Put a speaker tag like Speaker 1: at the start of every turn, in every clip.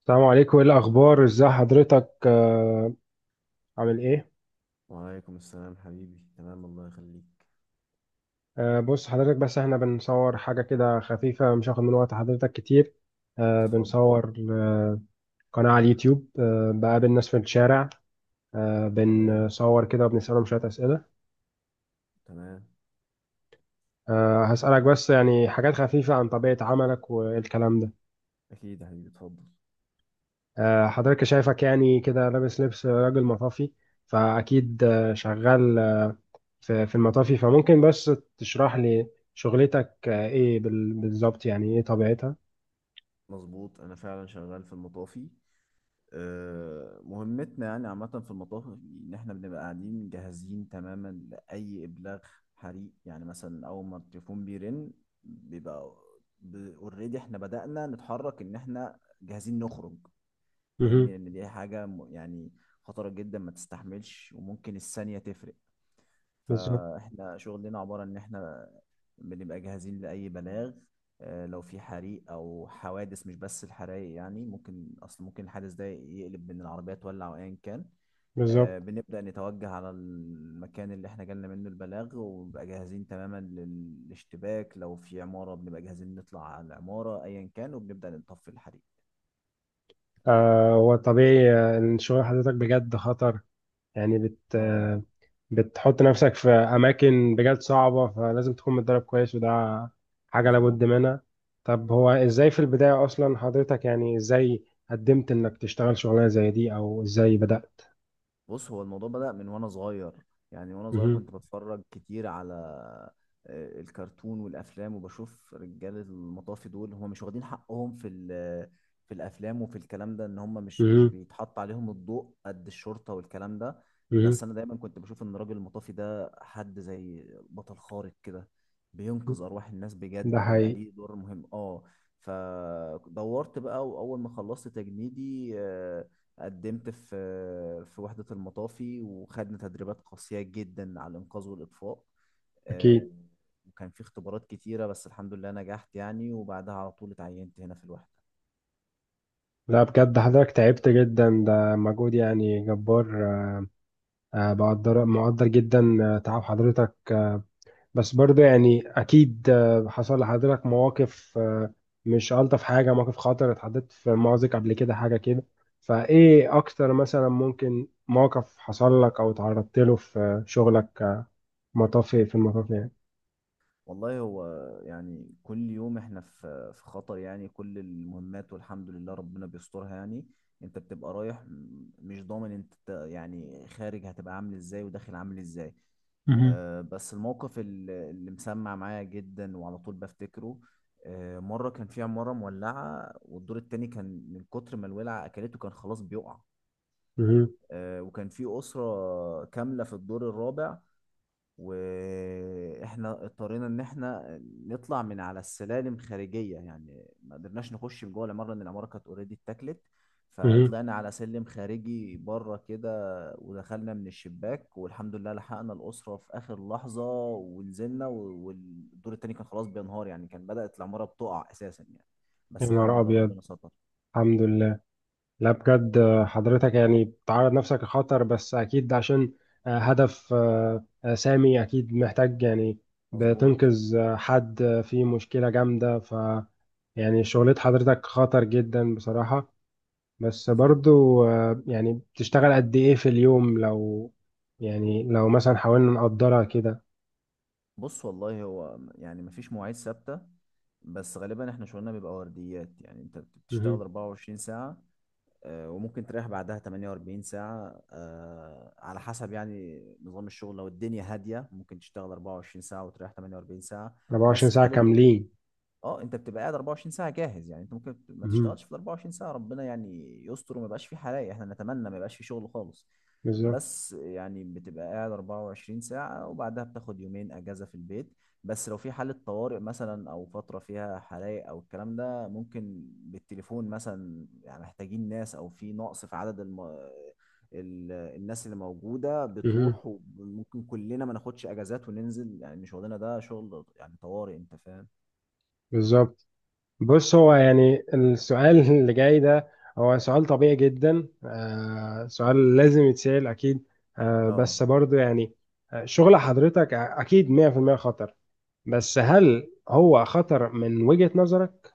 Speaker 1: السلام عليكم، ايه الاخبار؟ ازاي حضرتك؟ عامل ايه؟
Speaker 2: وعليكم السلام حبيبي، تمام الله يخليك.
Speaker 1: بص حضرتك، بس احنا بنصور حاجه كده خفيفه، مش هاخد من وقت حضرتك كتير.
Speaker 2: اتفضل.
Speaker 1: بنصور قناه على اليوتيوب، بقابل ناس في الشارع،
Speaker 2: تمام.
Speaker 1: بنصور كده وبنسالهم شويه اسئله.
Speaker 2: تمام.
Speaker 1: هسالك بس يعني حاجات خفيفه عن طبيعه عملك والكلام ده.
Speaker 2: اكيد يا حبيبي اتفضل.
Speaker 1: حضرتك شايفك يعني كده لابس لبس راجل مطافي، فاكيد شغال في المطافي، فممكن بس تشرح لي شغلتك ايه بالظبط، يعني ايه طبيعتها؟
Speaker 2: مظبوط، انا فعلا شغال في المطافي. مهمتنا يعني عامة في المطافي ان احنا بنبقى قاعدين جاهزين تماما لاي ابلاغ حريق. يعني مثلا اول ما التليفون بيرن، بيبقى اوريدي احنا بدأنا نتحرك، ان احنا جاهزين نخرج. فاهمني؟
Speaker 1: مهم.
Speaker 2: لان دي حاجة يعني خطرة جدا، ما تستحملش وممكن الثانية تفرق.
Speaker 1: بالظبط
Speaker 2: فاحنا شغلنا عبارة ان احنا بنبقى جاهزين لأي بلاغ. لو في حريق أو حوادث، مش بس الحرايق، يعني ممكن ممكن الحادث ده يقلب بإن العربية تولع أو أيا كان.
Speaker 1: بالظبط.
Speaker 2: بنبدأ نتوجه على المكان اللي احنا جالنا منه البلاغ، ونبقى جاهزين تماما للاشتباك. لو في عمارة بنبقى جاهزين نطلع على العمارة أيا كان، وبنبدأ نطفي الحريق.
Speaker 1: آه هو طبيعي، ان شغل حضرتك بجد خطر، يعني بت
Speaker 2: اه
Speaker 1: آه، بتحط نفسك في اماكن بجد صعبة، فلازم تكون متدرب كويس، وده حاجة
Speaker 2: مظبوط.
Speaker 1: لابد منها. طب هو ازاي في البداية اصلا حضرتك يعني ازاي قدمت انك تشتغل شغلانة زي دي، او ازاي بدأت؟
Speaker 2: بص، هو الموضوع بدأ من وانا صغير. يعني وانا صغير
Speaker 1: مهم.
Speaker 2: كنت بتفرج كتير على الكرتون والافلام، وبشوف رجال المطافي دول هم مش واخدين حقهم في الافلام وفي الكلام ده، ان هم مش
Speaker 1: مهم.
Speaker 2: بيتحط عليهم الضوء قد الشرطة والكلام ده.
Speaker 1: مهم.
Speaker 2: بس انا دايما كنت بشوف ان الراجل المطافي ده حد زي بطل خارق كده، بينقذ ارواح الناس
Speaker 1: ده
Speaker 2: بجد، وبيبقى
Speaker 1: حقيقي.
Speaker 2: ليه دور مهم اه. فدورت بقى، واول ما خلصت تجنيدي قدمت في وحدة المطافي، وخدنا تدريبات قاسية جدا على الإنقاذ والإطفاء.
Speaker 1: اكيد.
Speaker 2: آه، وكان في اختبارات كتيرة، بس الحمد لله نجحت يعني، وبعدها على طول اتعينت هنا في الوحدة.
Speaker 1: لا بجد حضرتك تعبت جدا، ده مجهود يعني جبار. بقدر مقدر جدا تعب حضرتك، بس برضه يعني أكيد حصل لحضرتك مواقف مش ألطف حاجة، مواقف خطر، اتحطيت في مأزق قبل كده، حاجة كده. فإيه أكتر مثلا ممكن موقف حصل لك أو تعرضت له في شغلك مطافي، في المطافي يعني؟
Speaker 2: والله هو يعني كل يوم احنا في خطر، يعني كل المهمات والحمد لله ربنا بيسترها يعني. انت بتبقى رايح، مش ضامن انت يعني خارج هتبقى عامل ازاي وداخل عامل ازاي.
Speaker 1: مهم.
Speaker 2: بس الموقف اللي مسمع معايا جدا وعلى طول بفتكره: مرة كان في عمارة مولعة، والدور التاني كان من كتر ما الولعة أكلته كان خلاص بيقع.
Speaker 1: مهم.
Speaker 2: وكان في أسرة كاملة في الدور الرابع، واحنا اضطرينا ان احنا نطلع من على السلالم خارجيه، يعني ما قدرناش نخش من جوه العماره، لان العماره كانت اوريدي اتاكلت.
Speaker 1: مهم.
Speaker 2: فطلعنا على سلم خارجي بره كده، ودخلنا من الشباك، والحمد لله لحقنا الاسره في اخر لحظه ونزلنا. والدور التاني كان خلاص بينهار، يعني كان بدات العماره بتقع اساسا يعني.
Speaker 1: يا
Speaker 2: بس الحمد
Speaker 1: نهار
Speaker 2: لله
Speaker 1: أبيض.
Speaker 2: ربنا ستر.
Speaker 1: الحمد لله. لا بجد حضرتك يعني بتعرض نفسك لخطر، بس أكيد عشان هدف سامي، أكيد محتاج يعني
Speaker 2: مظبوط.
Speaker 1: بتنقذ حد في مشكلة جامدة، يعني شغلة حضرتك خطر جدا بصراحة. بس
Speaker 2: مظبوط.
Speaker 1: برضو يعني بتشتغل قد إيه في اليوم، لو يعني لو مثلا حاولنا نقدرها كده؟
Speaker 2: بص والله هو يعني مفيش مواعيد ثابتة. بس غالبا احنا شغلنا بيبقى ورديات، يعني انت بتشتغل
Speaker 1: مهم.
Speaker 2: 24 ساعة، وممكن تريح بعدها 48 ساعة. على حسب يعني نظام الشغل. لو الدنيا هادية ممكن تشتغل 24 ساعة وتريح 48 ساعة.
Speaker 1: 24
Speaker 2: بس في
Speaker 1: ساعة
Speaker 2: حالة
Speaker 1: كاملين؟
Speaker 2: اه انت بتبقى قاعد 24 ساعة جاهز، يعني انت ممكن ما
Speaker 1: مهم.
Speaker 2: تشتغلش في ال 24 ساعة، ربنا يعني يستر وما يبقاش في حرايق، احنا نتمنى ما يبقاش في شغل خالص.
Speaker 1: بالظبط.
Speaker 2: بس يعني بتبقى قاعد 24 ساعة وبعدها بتاخد 2 يومين أجازة في البيت. بس لو في حالة طوارئ مثلا، أو فترة فيها حرائق أو الكلام ده، ممكن بالتليفون مثلا، يعني محتاجين ناس أو في نقص في عدد الناس اللي موجودة
Speaker 1: مهم.
Speaker 2: بتروح، وممكن كلنا ما ناخدش أجازات وننزل، يعني إن شغلنا ده شغل يعني طوارئ، أنت فاهم؟
Speaker 1: بالظبط. بص هو يعني السؤال اللي جاي ده، هو سؤال طبيعي جدا، سؤال لازم يتسأل أكيد. آه
Speaker 2: اه
Speaker 1: بس برضو يعني شغل حضرتك أكيد 100% خطر، بس هل هو خطر من وجهة نظرك؟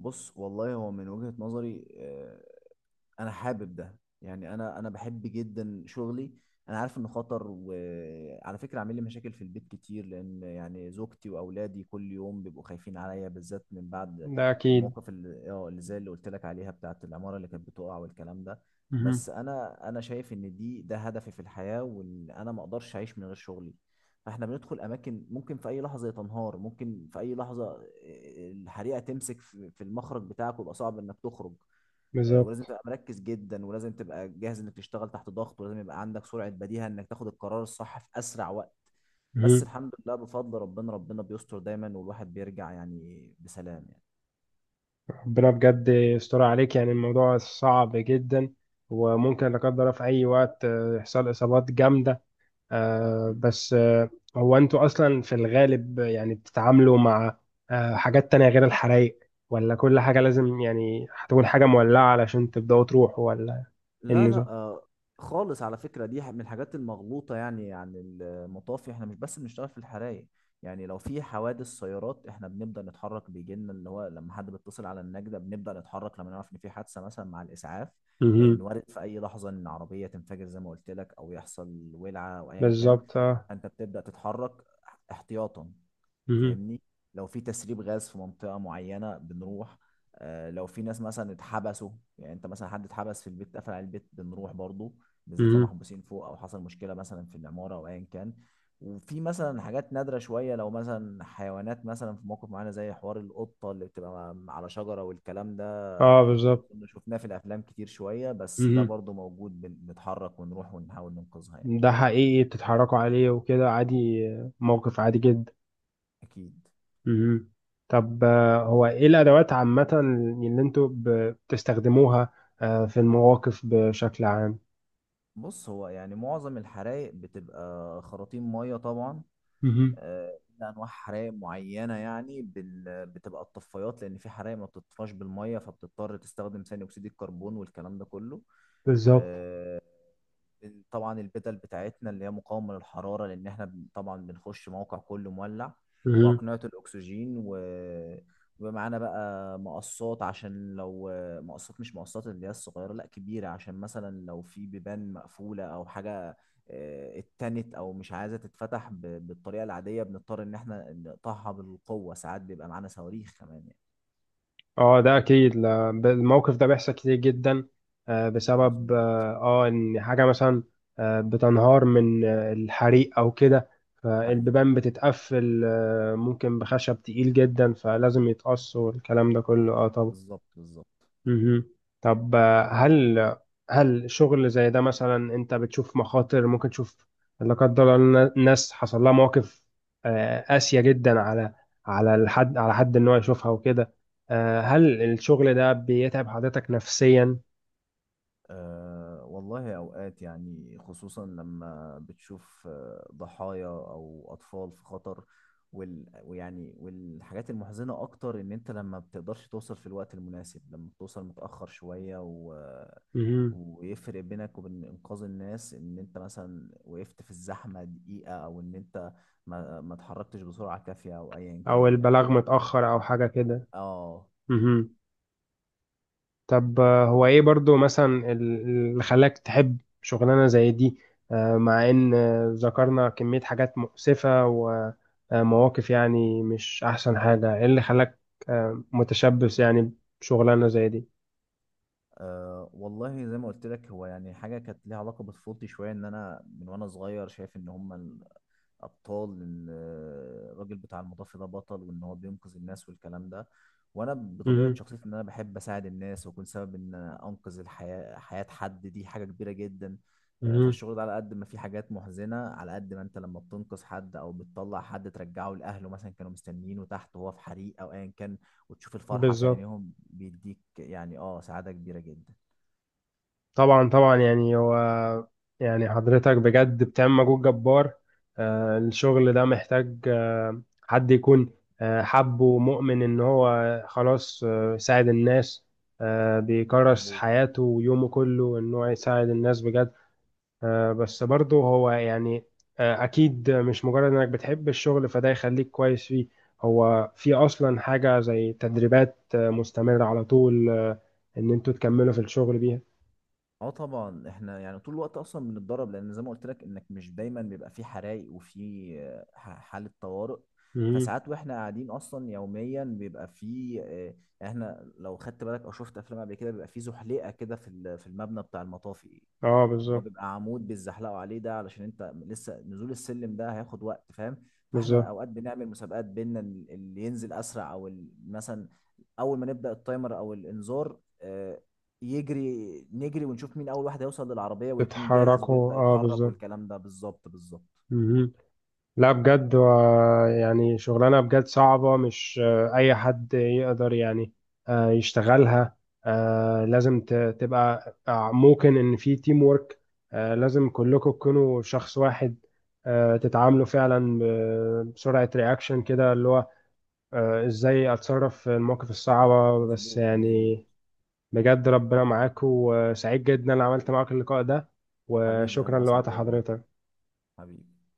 Speaker 2: بص والله هو من وجهة نظري، انا حابب ده، يعني انا بحب جدا شغلي. انا عارف انه خطر، وعلى فكره عامل لي مشاكل في البيت كتير، لان يعني زوجتي واولادي كل يوم بيبقوا خايفين عليا، بالذات من بعد
Speaker 1: ده أكيد.
Speaker 2: الموقف اللي اه اللي زي اللي قلت لك عليها بتاعت العماره اللي كانت بتقع والكلام ده.
Speaker 1: مهم.
Speaker 2: بس انا شايف ان ده هدفي في الحياه، وان انا ما اقدرش اعيش من غير شغلي. فاحنا بندخل اماكن ممكن في اي لحظه تنهار، ممكن في اي لحظه الحريقه تمسك في المخرج بتاعك، ويبقى صعب انك تخرج. ولازم
Speaker 1: بالظبط.
Speaker 2: تبقى مركز جدا، ولازم تبقى جاهز انك تشتغل تحت ضغط، ولازم يبقى عندك سرعة بديهة انك تاخد القرار الصح في اسرع وقت. بس
Speaker 1: مهم.
Speaker 2: الحمد لله بفضل ربنا، ربنا بيستر دايما، والواحد بيرجع يعني بسلام.
Speaker 1: ربنا بجد يستر عليك، يعني الموضوع صعب جدا، وممكن لا قدر الله في أي وقت يحصل إصابات جامدة. آه
Speaker 2: يعني
Speaker 1: بس هو انتوا اصلا في الغالب يعني بتتعاملوا مع حاجات تانية غير الحرايق، ولا كل حاجة لازم يعني هتكون حاجة مولعة علشان تبدأوا تروحوا، ولا إيه
Speaker 2: لا
Speaker 1: النظام؟
Speaker 2: خالص، على فكرة دي من الحاجات المغلوطة يعني عن المطافي. احنا مش بس بنشتغل في الحرايق. يعني لو في حوادث سيارات احنا بنبدأ نتحرك، بيجي لنا اللي هو لما حد بيتصل على النجدة بنبدأ نتحرك، لما نعرف ان في حادثة مثلا مع الإسعاف، لأن
Speaker 1: مهم.
Speaker 2: وارد في أي لحظة ان عربية تنفجر زي ما قلت لك، أو يحصل ولعة أو أيا كان.
Speaker 1: بالظبط. اه.
Speaker 2: أنت بتبدأ تتحرك احتياطا،
Speaker 1: مهم.
Speaker 2: فاهمني؟ لو في تسريب غاز في منطقة معينة بنروح. لو في ناس مثلا اتحبسوا، يعني انت مثلا حد اتحبس في البيت، قفل على البيت بنروح برضو، بالذات لو
Speaker 1: مهم.
Speaker 2: محبوسين فوق، او حصل مشكلة مثلا في العمارة او ايا كان. وفي مثلا حاجات نادرة شوية، لو مثلا حيوانات مثلا في موقف معينة، زي حوار القطة اللي بتبقى على شجرة والكلام ده.
Speaker 1: اه بالظبط.
Speaker 2: كنا شفناه في الافلام كتير شوية، بس ده
Speaker 1: مهم.
Speaker 2: برضو موجود، بنتحرك ونروح ونحاول ننقذها يعني.
Speaker 1: ده حقيقي بتتحركوا عليه وكده عادي، موقف عادي جدا.
Speaker 2: اكيد.
Speaker 1: مهم. طب هو ايه الادوات عامة اللي انتوا بتستخدموها في المواقف بشكل عام؟
Speaker 2: بص، هو يعني معظم الحرايق بتبقى خراطيم ميه طبعا.
Speaker 1: مهم.
Speaker 2: إلا انواع حرايق معينه يعني بتبقى الطفايات، لان في حرايق ما بتطفاش بالميه، فبتضطر تستخدم ثاني اكسيد الكربون والكلام ده كله.
Speaker 1: بالظبط.
Speaker 2: آه، طبعا البدل بتاعتنا اللي هي مقاومة للحرارة، لأن احنا طبعا بنخش موقع كله مولع،
Speaker 1: مهم.
Speaker 2: وأقنعة الأكسجين ومعانا بقى مقصات، عشان لو مش مقصات اللي هي الصغيرة، لا كبيرة، عشان مثلا لو في بيبان مقفولة أو حاجة اتنت أو مش عايزة تتفتح بالطريقة العادية، بنضطر إن احنا نقطعها بالقوة. ساعات بيبقى معانا صواريخ كمان يعني.
Speaker 1: اه ده اكيد. الموقف ده بيحصل كتير جدا، بسبب
Speaker 2: مظبوط.
Speaker 1: ان حاجه مثلا بتنهار من الحريق او كده،
Speaker 2: حقيقي.
Speaker 1: فالبيبان بتتقفل، ممكن بخشب تقيل جدا، فلازم يتقص، والكلام ده كله اه طبعا.
Speaker 2: بالظبط بالظبط.
Speaker 1: مهم. طب هل شغل زي ده مثلا، انت بتشوف مخاطر، ممكن تشوف لا قدر الله ناس حصل لها مواقف قاسية جدا على الحد، على حد ان هو يشوفها وكده؟ هل الشغل ده بيتعب حضرتك نفسيا؟
Speaker 2: أه والله أوقات يعني، خصوصا لما بتشوف ضحايا أو أطفال في خطر. والحاجات المحزنة أكتر إن أنت لما بتقدرش توصل في الوقت المناسب، لما بتوصل متأخر شوية،
Speaker 1: مهم.
Speaker 2: ويفرق بينك وبين إنقاذ الناس إن أنت مثلا وقفت في الزحمة دقيقة، أو إن أنت ما اتحركتش بسرعة كافية أو أيا
Speaker 1: او
Speaker 2: كان يعني.
Speaker 1: البلاغ متأخر او حاجة كده.
Speaker 2: اه.
Speaker 1: مهم. طب هو ايه برضو مثلا اللي خلاك تحب شغلانة زي دي، مع ان ذكرنا كمية حاجات مؤسفة ومواقف يعني مش احسن حاجة، ايه اللي خلاك متشبث يعني بشغلانة زي دي؟
Speaker 2: أه والله زي ما قلت لك، هو يعني حاجة كانت ليها علاقة بطفولتي شوية، إن أنا من وأنا صغير شايف إن هما الأبطال، إن الراجل بتاع المطافي ده بطل، وإن هو بينقذ الناس والكلام ده. وأنا بطبيعة
Speaker 1: مهم.
Speaker 2: شخصيتي إن أنا بحب أساعد الناس، وأكون سبب إن أنقذ حياة حد، دي حاجة كبيرة جدا.
Speaker 1: مهم.
Speaker 2: فالشغل ده على قد ما في حاجات محزنة، على قد ما أنت لما بتنقذ حد أو بتطلع حد ترجعه لأهله مثلا، كانوا مستنيينه تحت وهو في حريق أو أيا كان، وتشوف الفرحة في
Speaker 1: بالظبط.
Speaker 2: عينيهم، بيديك يعني اه سعادة كبيرة جدا.
Speaker 1: طبعا طبعا، يعني هو يعني حضرتك بجد بتعمل مجهود جبار. الشغل ده محتاج حد يكون حب ومؤمن ان هو خلاص يساعد الناس، بيكرس
Speaker 2: مظبوط.
Speaker 1: حياته ويومه كله ان هو يساعد الناس بجد. بس برضه هو يعني اكيد مش مجرد انك بتحب الشغل فده يخليك كويس فيه. هو في اصلا حاجة زي تدريبات مستمرة على طول ان انتوا تكملوا في الشغل بيها؟
Speaker 2: اه طبعا، احنا يعني طول الوقت اصلا بنتدرب، لان زي ما قلت لك انك مش دايما بيبقى في حرايق وفي حالة طوارئ.
Speaker 1: مهم.
Speaker 2: فساعات واحنا قاعدين اصلا يوميا بيبقى في يعني احنا لو خدت بالك او شفت افلام قبل كده، بيبقى في زحليقة كده في المبنى بتاع المطافي،
Speaker 1: اه
Speaker 2: اللي هو
Speaker 1: بالظبط
Speaker 2: بيبقى عمود بيتزحلقوا عليه ده، علشان انت لسه نزول السلم ده هياخد وقت، فاهم؟ فاحنا
Speaker 1: بالظبط،
Speaker 2: اوقات بنعمل مسابقات بينا، اللي ينزل اسرع، مثلا اول ما نبدا التايمر او الانذار، يجري نجري ونشوف مين اول واحد هيوصل للعربيه ويكون جاهز
Speaker 1: تتحركوا
Speaker 2: ويبدا
Speaker 1: اه
Speaker 2: يتحرك
Speaker 1: بالظبط.
Speaker 2: والكلام ده. بالظبط بالظبط.
Speaker 1: مهم. لا بجد يعني شغلانة بجد صعبة، مش أي حد يقدر يعني يشتغلها، لازم تبقى، ممكن إن في تيم وورك، لازم كلكم تكونوا شخص واحد، تتعاملوا فعلا بسرعة رياكشن كده اللي هو إزاي أتصرف في المواقف الصعبة، بس
Speaker 2: مظبوط مظبوط.
Speaker 1: يعني. بجد ربنا معاك، وسعيد جدا ان عملت معاك اللقاء ده،
Speaker 2: حبيبي
Speaker 1: وشكرا
Speaker 2: انا
Speaker 1: لوقت
Speaker 2: اسعد والله.
Speaker 1: حضرتك.
Speaker 2: حبيبي.